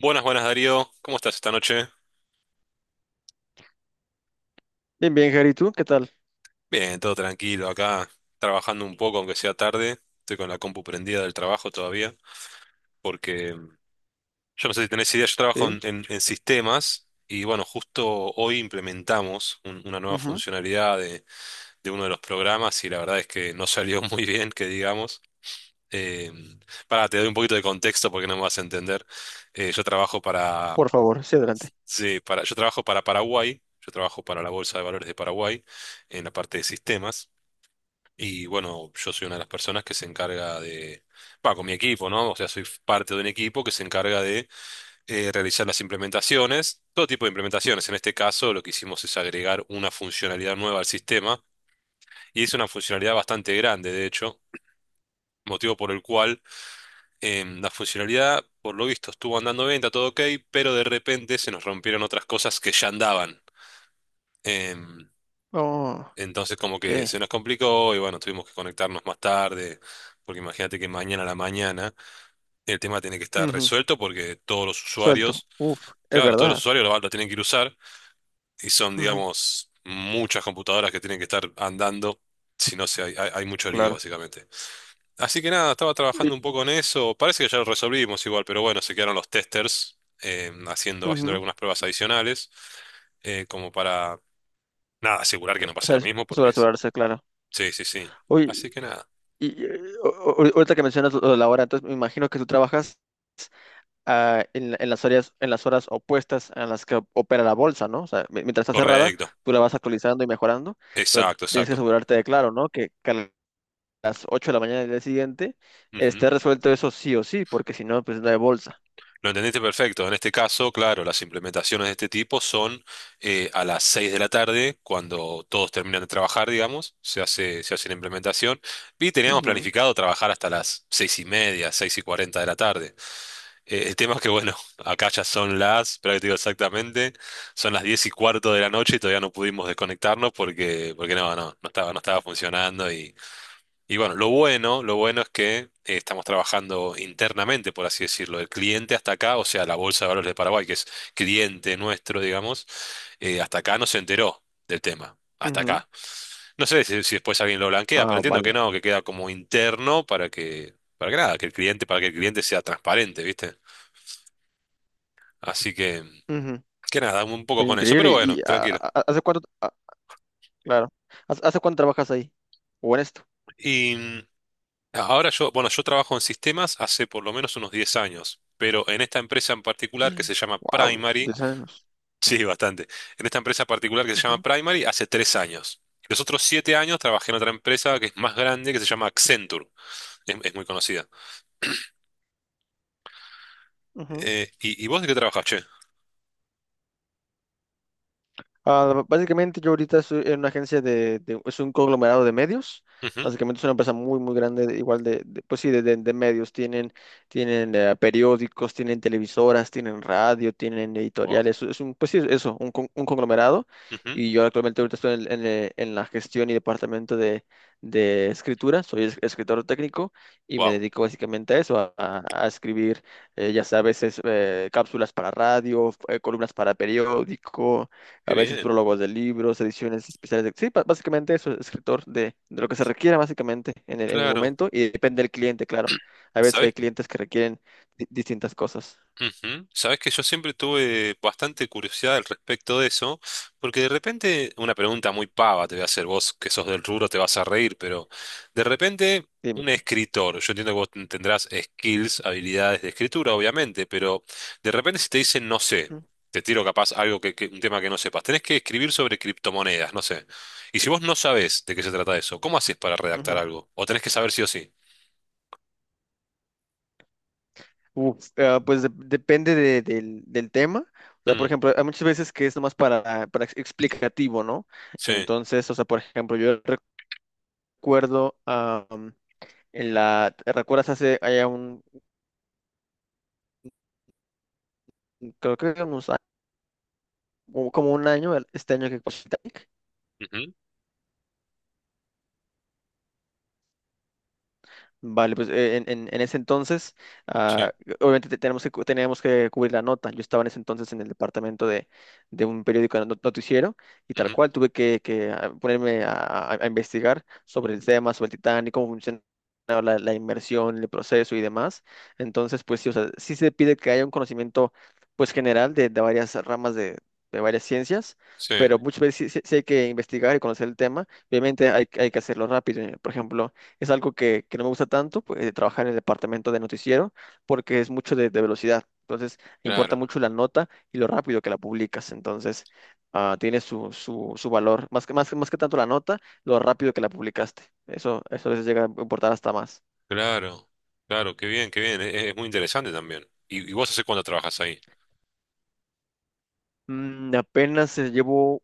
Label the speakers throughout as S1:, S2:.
S1: Buenas, buenas Darío, ¿cómo estás esta noche?
S2: Bien, bien, Gary, ¿tú qué tal?
S1: Bien, todo tranquilo acá, trabajando un poco, aunque sea tarde. Estoy con la compu prendida del trabajo todavía, porque yo no sé si tenés idea, yo trabajo
S2: Sí.
S1: en sistemas y bueno, justo hoy implementamos una nueva
S2: Ujú.
S1: funcionalidad de uno de los programas y la verdad es que no salió muy bien, que digamos. Eh, mm, pará, te doy un poquito de contexto porque no me vas a entender. Yo trabajo
S2: Por favor, sí, adelante.
S1: Sí, para, yo trabajo para Paraguay, yo trabajo para la Bolsa de Valores de Paraguay en la parte de sistemas y bueno, yo soy una de las personas que se encarga de, va, con mi equipo, ¿no? O sea, soy parte de un equipo que se encarga de realizar las implementaciones, todo tipo de implementaciones. En este caso, lo que hicimos es agregar una funcionalidad nueva al sistema y es una funcionalidad bastante grande, de hecho, motivo por el cual la funcionalidad, por lo visto, estuvo andando bien, está todo ok, pero de repente se nos rompieron otras cosas que ya andaban. Em,
S2: Oh,
S1: Entonces como que se
S2: ok.
S1: nos complicó y bueno, tuvimos que conectarnos más tarde, porque imagínate que mañana a la mañana el tema tiene que estar
S2: Ujú.
S1: resuelto porque todos los
S2: Suelto.
S1: usuarios,
S2: Uf, es
S1: claro, todos los
S2: verdad.
S1: usuarios lo tienen que ir a usar y son,
S2: Ujú.
S1: digamos, muchas computadoras que tienen que estar andando, si no se hay mucho lío
S2: Claro.
S1: básicamente. Así que nada, estaba
S2: Y-
S1: trabajando un poco en eso, parece que ya lo resolvimos igual, pero bueno, se quedaron los testers haciendo
S2: ujú.
S1: algunas pruebas adicionales eh, como para, nada, asegurar que no
S2: O
S1: pase
S2: sea,
S1: lo mismo,
S2: sobre
S1: porque
S2: asegurarse, claro.
S1: sí, sí, sí.
S2: Oye,
S1: Así que nada.
S2: y, eh, o- ahorita que mencionas lo de la hora, entonces me imagino que tú trabajas en las áreas, en las horas opuestas a las que opera la bolsa, ¿no? O sea, mientras está cerrada,
S1: Correcto.
S2: tú la vas actualizando y mejorando, pero
S1: Exacto,
S2: tienes que
S1: exacto.
S2: asegurarte de, claro, ¿no? Que las 8 de la mañana del día siguiente,
S1: Ujú.
S2: esté resuelto eso sí o sí, porque si no, pues no hay bolsa.
S1: Lo entendiste perfecto. En este caso, claro, las implementaciones de este tipo son a las 6 de la tarde, cuando todos terminan de trabajar, digamos, se hace la implementación. Y teníamos
S2: Ujú.
S1: planificado trabajar hasta las 6 y media, 6 y 40 de la tarde. El tema es que, bueno, acá ya son las, pero te digo exactamente, son las 10 y cuarto de la noche y todavía no pudimos desconectarnos porque no estaba funcionando. Y bueno, lo bueno es que estamos trabajando internamente, por así decirlo. El cliente hasta acá, o sea, la Bolsa de Valores de Paraguay, que es cliente nuestro, digamos, hasta acá no se enteró del tema. Hasta
S2: Ujú.
S1: acá. No sé si después alguien lo blanquea, pero
S2: Ah,
S1: entiendo que
S2: vale.
S1: no, que queda como interno para que nada, que el cliente, para que el cliente sea transparente, ¿viste? Así
S2: Ujú.
S1: que nada, un poco
S2: Oye,
S1: con eso, pero
S2: increíble.
S1: bueno,
S2: ¿Y
S1: tranquilo.
S2: hace cuánto? Claro. ¿Hace cuánto trabajas ahí? ¿O en esto?
S1: Y ahora yo, bueno, yo trabajo en sistemas hace por lo menos unos 10 años, pero en esta empresa en particular que se llama
S2: Wow,
S1: Primary,
S2: 10 años.
S1: sí, bastante, en esta empresa particular que se llama
S2: Ujú.
S1: Primary hace 3 años. Los otros 7 años trabajé en otra empresa que es más grande, que se llama Accenture, es muy conocida.
S2: Ujú.
S1: ¿Y vos de qué trabajás, che?
S2: Ah, básicamente yo ahorita soy en una agencia es un conglomerado de medios.
S1: Ujú.
S2: Básicamente es una empresa muy, muy grande, pues sí, de medios. Tienen periódicos, tienen televisoras, tienen radio, tienen
S1: Wow,
S2: editoriales. Es un, pues sí, eso, un, un conglomerado.
S1: ujú,
S2: Y yo actualmente ahorita estoy en la gestión y departamento de escritura. Soy escritor técnico y me
S1: wow,
S2: dedico básicamente a eso, a escribir, ya sabes, cápsulas para radio, columnas para periódico,
S1: qué
S2: a veces
S1: bien,
S2: prólogos de libros, ediciones especiales de... Sí, básicamente eso, escritor de lo que se requiera básicamente en el
S1: claro.
S2: momento y depende del cliente, claro. A veces que hay
S1: ¿Sabés
S2: clientes que requieren distintas cosas.
S1: ujú? Sabes que yo siempre tuve bastante curiosidad al respecto de eso, porque de repente, una pregunta muy pava te voy a hacer, vos que sos del rubro te vas a reír, pero de repente
S2: Dime.
S1: un escritor, yo entiendo que vos tendrás skills, habilidades de escritura, obviamente, pero de repente si te dicen, no sé,
S2: Ujú.
S1: te tiro capaz algo un tema que no sepas, tenés que escribir sobre criptomonedas, no sé. Y si vos no sabés de qué se trata eso, ¿cómo haces para redactar
S2: Ujú.
S1: algo? ¿O tenés que saber sí o sí?
S2: Uf, pues depende del tema. O sea, por
S1: Mm,
S2: ejemplo, hay muchas veces que es nomás para explicativo, ¿no?
S1: sí,
S2: Entonces, o sea, por ejemplo, yo recuerdo en la... ¿te Recuerdas hace, allá un, creo que como un año, este año que pasó.
S1: ujú,
S2: Vale, pues en ese entonces,
S1: sí,
S2: ah, obviamente tenemos que, teníamos que cubrir la nota. Yo estaba en ese entonces en el departamento de un periódico noticiero, y tal
S1: ujú,
S2: cual tuve ponerme a investigar sobre el tema, sobre el Titanic, cómo funciona la, la inmersión, el proceso y demás. Entonces, pues sí, o sea, sí se pide que haya un conocimiento pues general de varias ramas de varias ciencias,
S1: sí,
S2: pero muchas veces sí, sí hay que investigar y conocer el tema. Obviamente hay, hay que hacerlo rápido. Por ejemplo, es algo que no me gusta tanto, pues, de trabajar en el departamento de noticiero, porque es mucho de velocidad. Entonces, importa
S1: claro.
S2: mucho la nota y lo rápido que la publicas. Entonces, tiene su, su, su valor. Más que tanto la nota, lo rápido que la publicaste. Eso a veces llega a importar hasta más.
S1: Claro, claro, qué bien, qué bien. Es muy interesante también. ¿Y vos hace cuánto trabajas ahí?
S2: Apenas llevo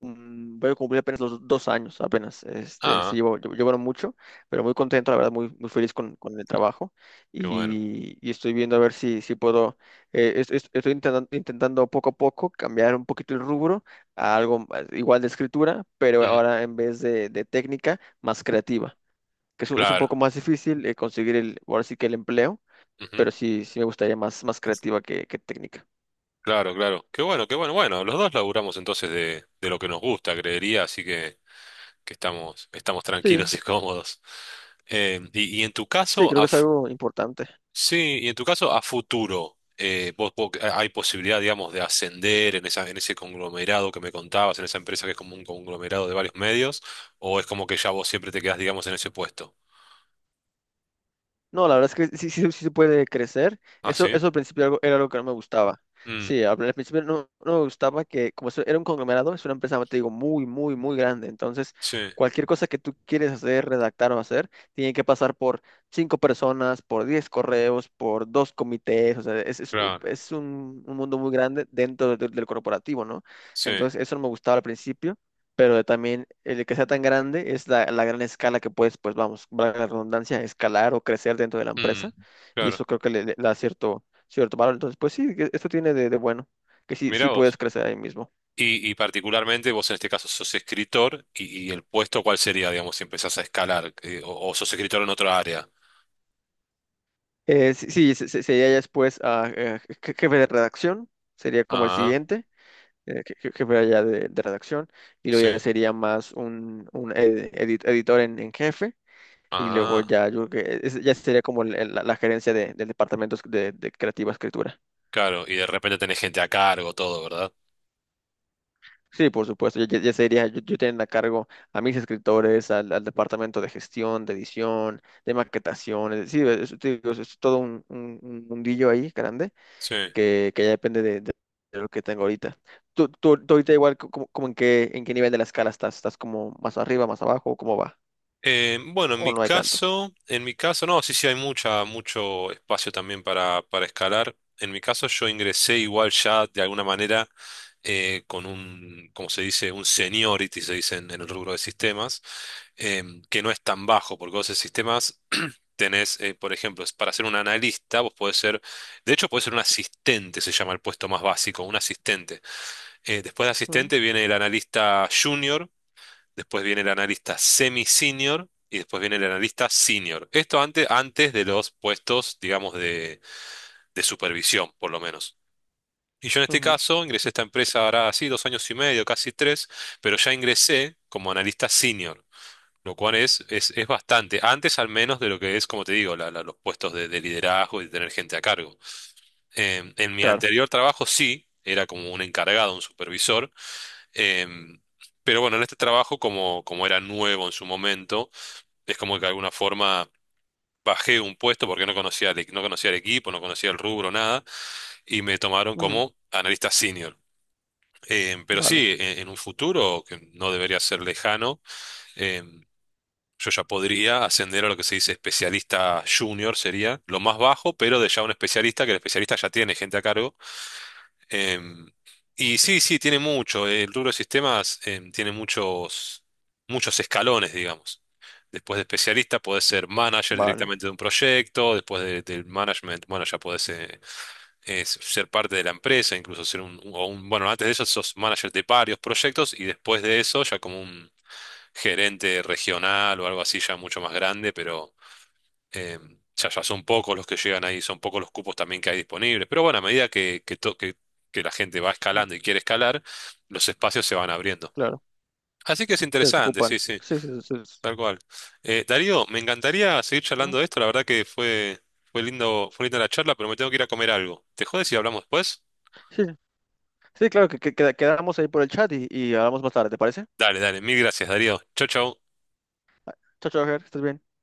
S2: Voy a cumplir apenas los 2 años, apenas. Este, sí,
S1: Ah,
S2: llevaron mucho, pero muy contento, la verdad, muy, muy feliz con el trabajo.
S1: qué bueno.
S2: Y estoy viendo a ver si, si puedo, estoy intentando, intentando poco a poco cambiar un poquito el rubro a igual de escritura, pero
S1: Mm,
S2: ahora en vez de técnica, más creativa, que es un
S1: claro,
S2: poco más difícil conseguir el, ahora sí que el empleo,
S1: ujú.
S2: pero sí, sí me gustaría más, más creativa que técnica.
S1: Claro, claro. Qué bueno, qué bueno. Bueno, los dos laburamos entonces de lo que nos gusta, creería, así que estamos, estamos
S2: Sí,
S1: tranquilos y cómodos. Y en tu
S2: sí,
S1: caso,
S2: creo
S1: a,
S2: que es
S1: fu-
S2: algo importante.
S1: sí, y en tu caso, a futuro, ¿hay posibilidad, digamos, de ascender en esa, en ese conglomerado que me contabas, en esa empresa que es como un conglomerado de varios medios, o es como que ya vos siempre te quedás, digamos, en ese puesto?
S2: No, la verdad es que sí, sí, sí se puede crecer.
S1: Ah,
S2: Eso,
S1: sí.
S2: eso al principio era algo que no me gustaba.
S1: Mm,
S2: Sí, al al principio no, no me gustaba que, como eso era un conglomerado, es una empresa, te digo, muy, muy, muy grande. Entonces,
S1: sí,
S2: cualquier cosa que tú quieres hacer, redactar o hacer, tiene que pasar por cinco personas, por 10 correos, por dos comités. O sea,
S1: claro.
S2: es un mundo muy grande dentro del corporativo, ¿no?
S1: Sí.
S2: Entonces, eso no me gustaba al principio, pero también el que sea tan grande es la, la gran escala que puedes, pues vamos, valga la redundancia, escalar o crecer dentro de la
S1: mm,
S2: empresa, y
S1: claro.
S2: eso creo que le da cierto, cierto valor. Entonces, pues sí, que esto tiene de bueno, que sí,
S1: Mirá
S2: sí puedes
S1: vos.
S2: crecer ahí mismo.
S1: Y particularmente vos en este caso sos escritor y el puesto ¿cuál sería, digamos, si empezás a escalar? O sos escritor en otra área.
S2: Sí, sí, sería ya después jefe de redacción, sería como el
S1: Ah,
S2: siguiente, jefe allá de redacción, y
S1: sí.
S2: luego ya sería más un editor en jefe. Y luego
S1: Ah,
S2: ya, yo creo que ya sería como la gerencia del departamento de creativa escritura.
S1: claro. Y de repente tenés gente a cargo, todo, ¿verdad?
S2: Sí, por supuesto, ya sería, yo teniendo a cargo a mis escritores, al departamento de gestión, de edición, de maquetación, es decir, es, te digo, es todo un, un mundillo ahí grande
S1: Sí.
S2: que ya depende de lo que tengo ahorita. Tú ahorita igual, como en qué nivel de la escala estás, ¿estás como más arriba, más abajo, cómo va?
S1: Bueno,
S2: ¿O no hay tanto?
S1: en mi caso, no, sí, sí, hay mucha, mucho espacio también para escalar. En mi caso, yo ingresé igual ya de alguna manera con un, como se dice, un seniority, se dice en el rubro de sistemas, que no es tan bajo, porque vos en sistemas tenés, por ejemplo, es para ser un analista, vos podés ser, de hecho, podés ser un asistente, se llama el puesto más básico, un asistente. Después de
S2: Mm,
S1: asistente viene el analista junior, después viene el analista semi-senior y después viene el analista senior. Esto antes, antes de los puestos, digamos, de supervisión, por lo menos. Y yo en este
S2: ujú,
S1: caso ingresé a esta empresa ahora así dos años y medio, casi tres, pero ya ingresé como analista senior, lo cual es bastante, antes al menos de lo que es, como te digo, los puestos de liderazgo y de tener gente a cargo. En mi
S2: claro,
S1: anterior trabajo sí, era como un encargado, un supervisor, em, pero bueno, en este trabajo, como, como era nuevo en su momento, es como que de alguna forma bajé un puesto porque no conocía, no conocía el equipo, no conocía el rubro, nada, y me tomaron
S2: ujú,
S1: como analista senior. Pero
S2: vale,
S1: sí, en un futuro que no debería ser lejano, em, yo ya podría ascender a lo que se dice especialista junior, sería lo más bajo, pero de ya un especialista, que el especialista ya tiene gente a cargo. Em, y sí, sí, tiene mucho. El rubro de sistemas, tiene muchos, muchos escalones, digamos. Después de especialista podés ser manager
S2: vale,
S1: directamente de un proyecto, después del management, bueno, ya podés ser parte de la empresa, incluso ser un, o un- bueno, antes de eso sos manager de varios proyectos y después de eso ya como un gerente regional o algo así ya mucho más grande, pero... Eh, ya son pocos los que llegan ahí, son pocos los cupos también que hay disponibles. Pero bueno, a medida que, que la gente va
S2: ujú,
S1: escalando y quiere escalar, los espacios se van abriendo.
S2: claro,
S1: Así que es
S2: se
S1: interesante, sí,
S2: desocupan,
S1: sí,
S2: sí, sí, sí, sí.
S1: tal cual. Darío, me encantaría seguir
S2: Bueno,
S1: charlando de esto. La verdad que fue, fue lindo, fue linda la charla, pero me tengo que ir a comer algo. ¿Te jodes si hablamos después?
S2: sí, sí, sí, claro, quedamos ahí por el chat y hablamos más tarde, ¿te parece?
S1: Dale, dale, mil gracias, Darío. Chau, chau.
S2: Chao, chao, Ger, estás bien.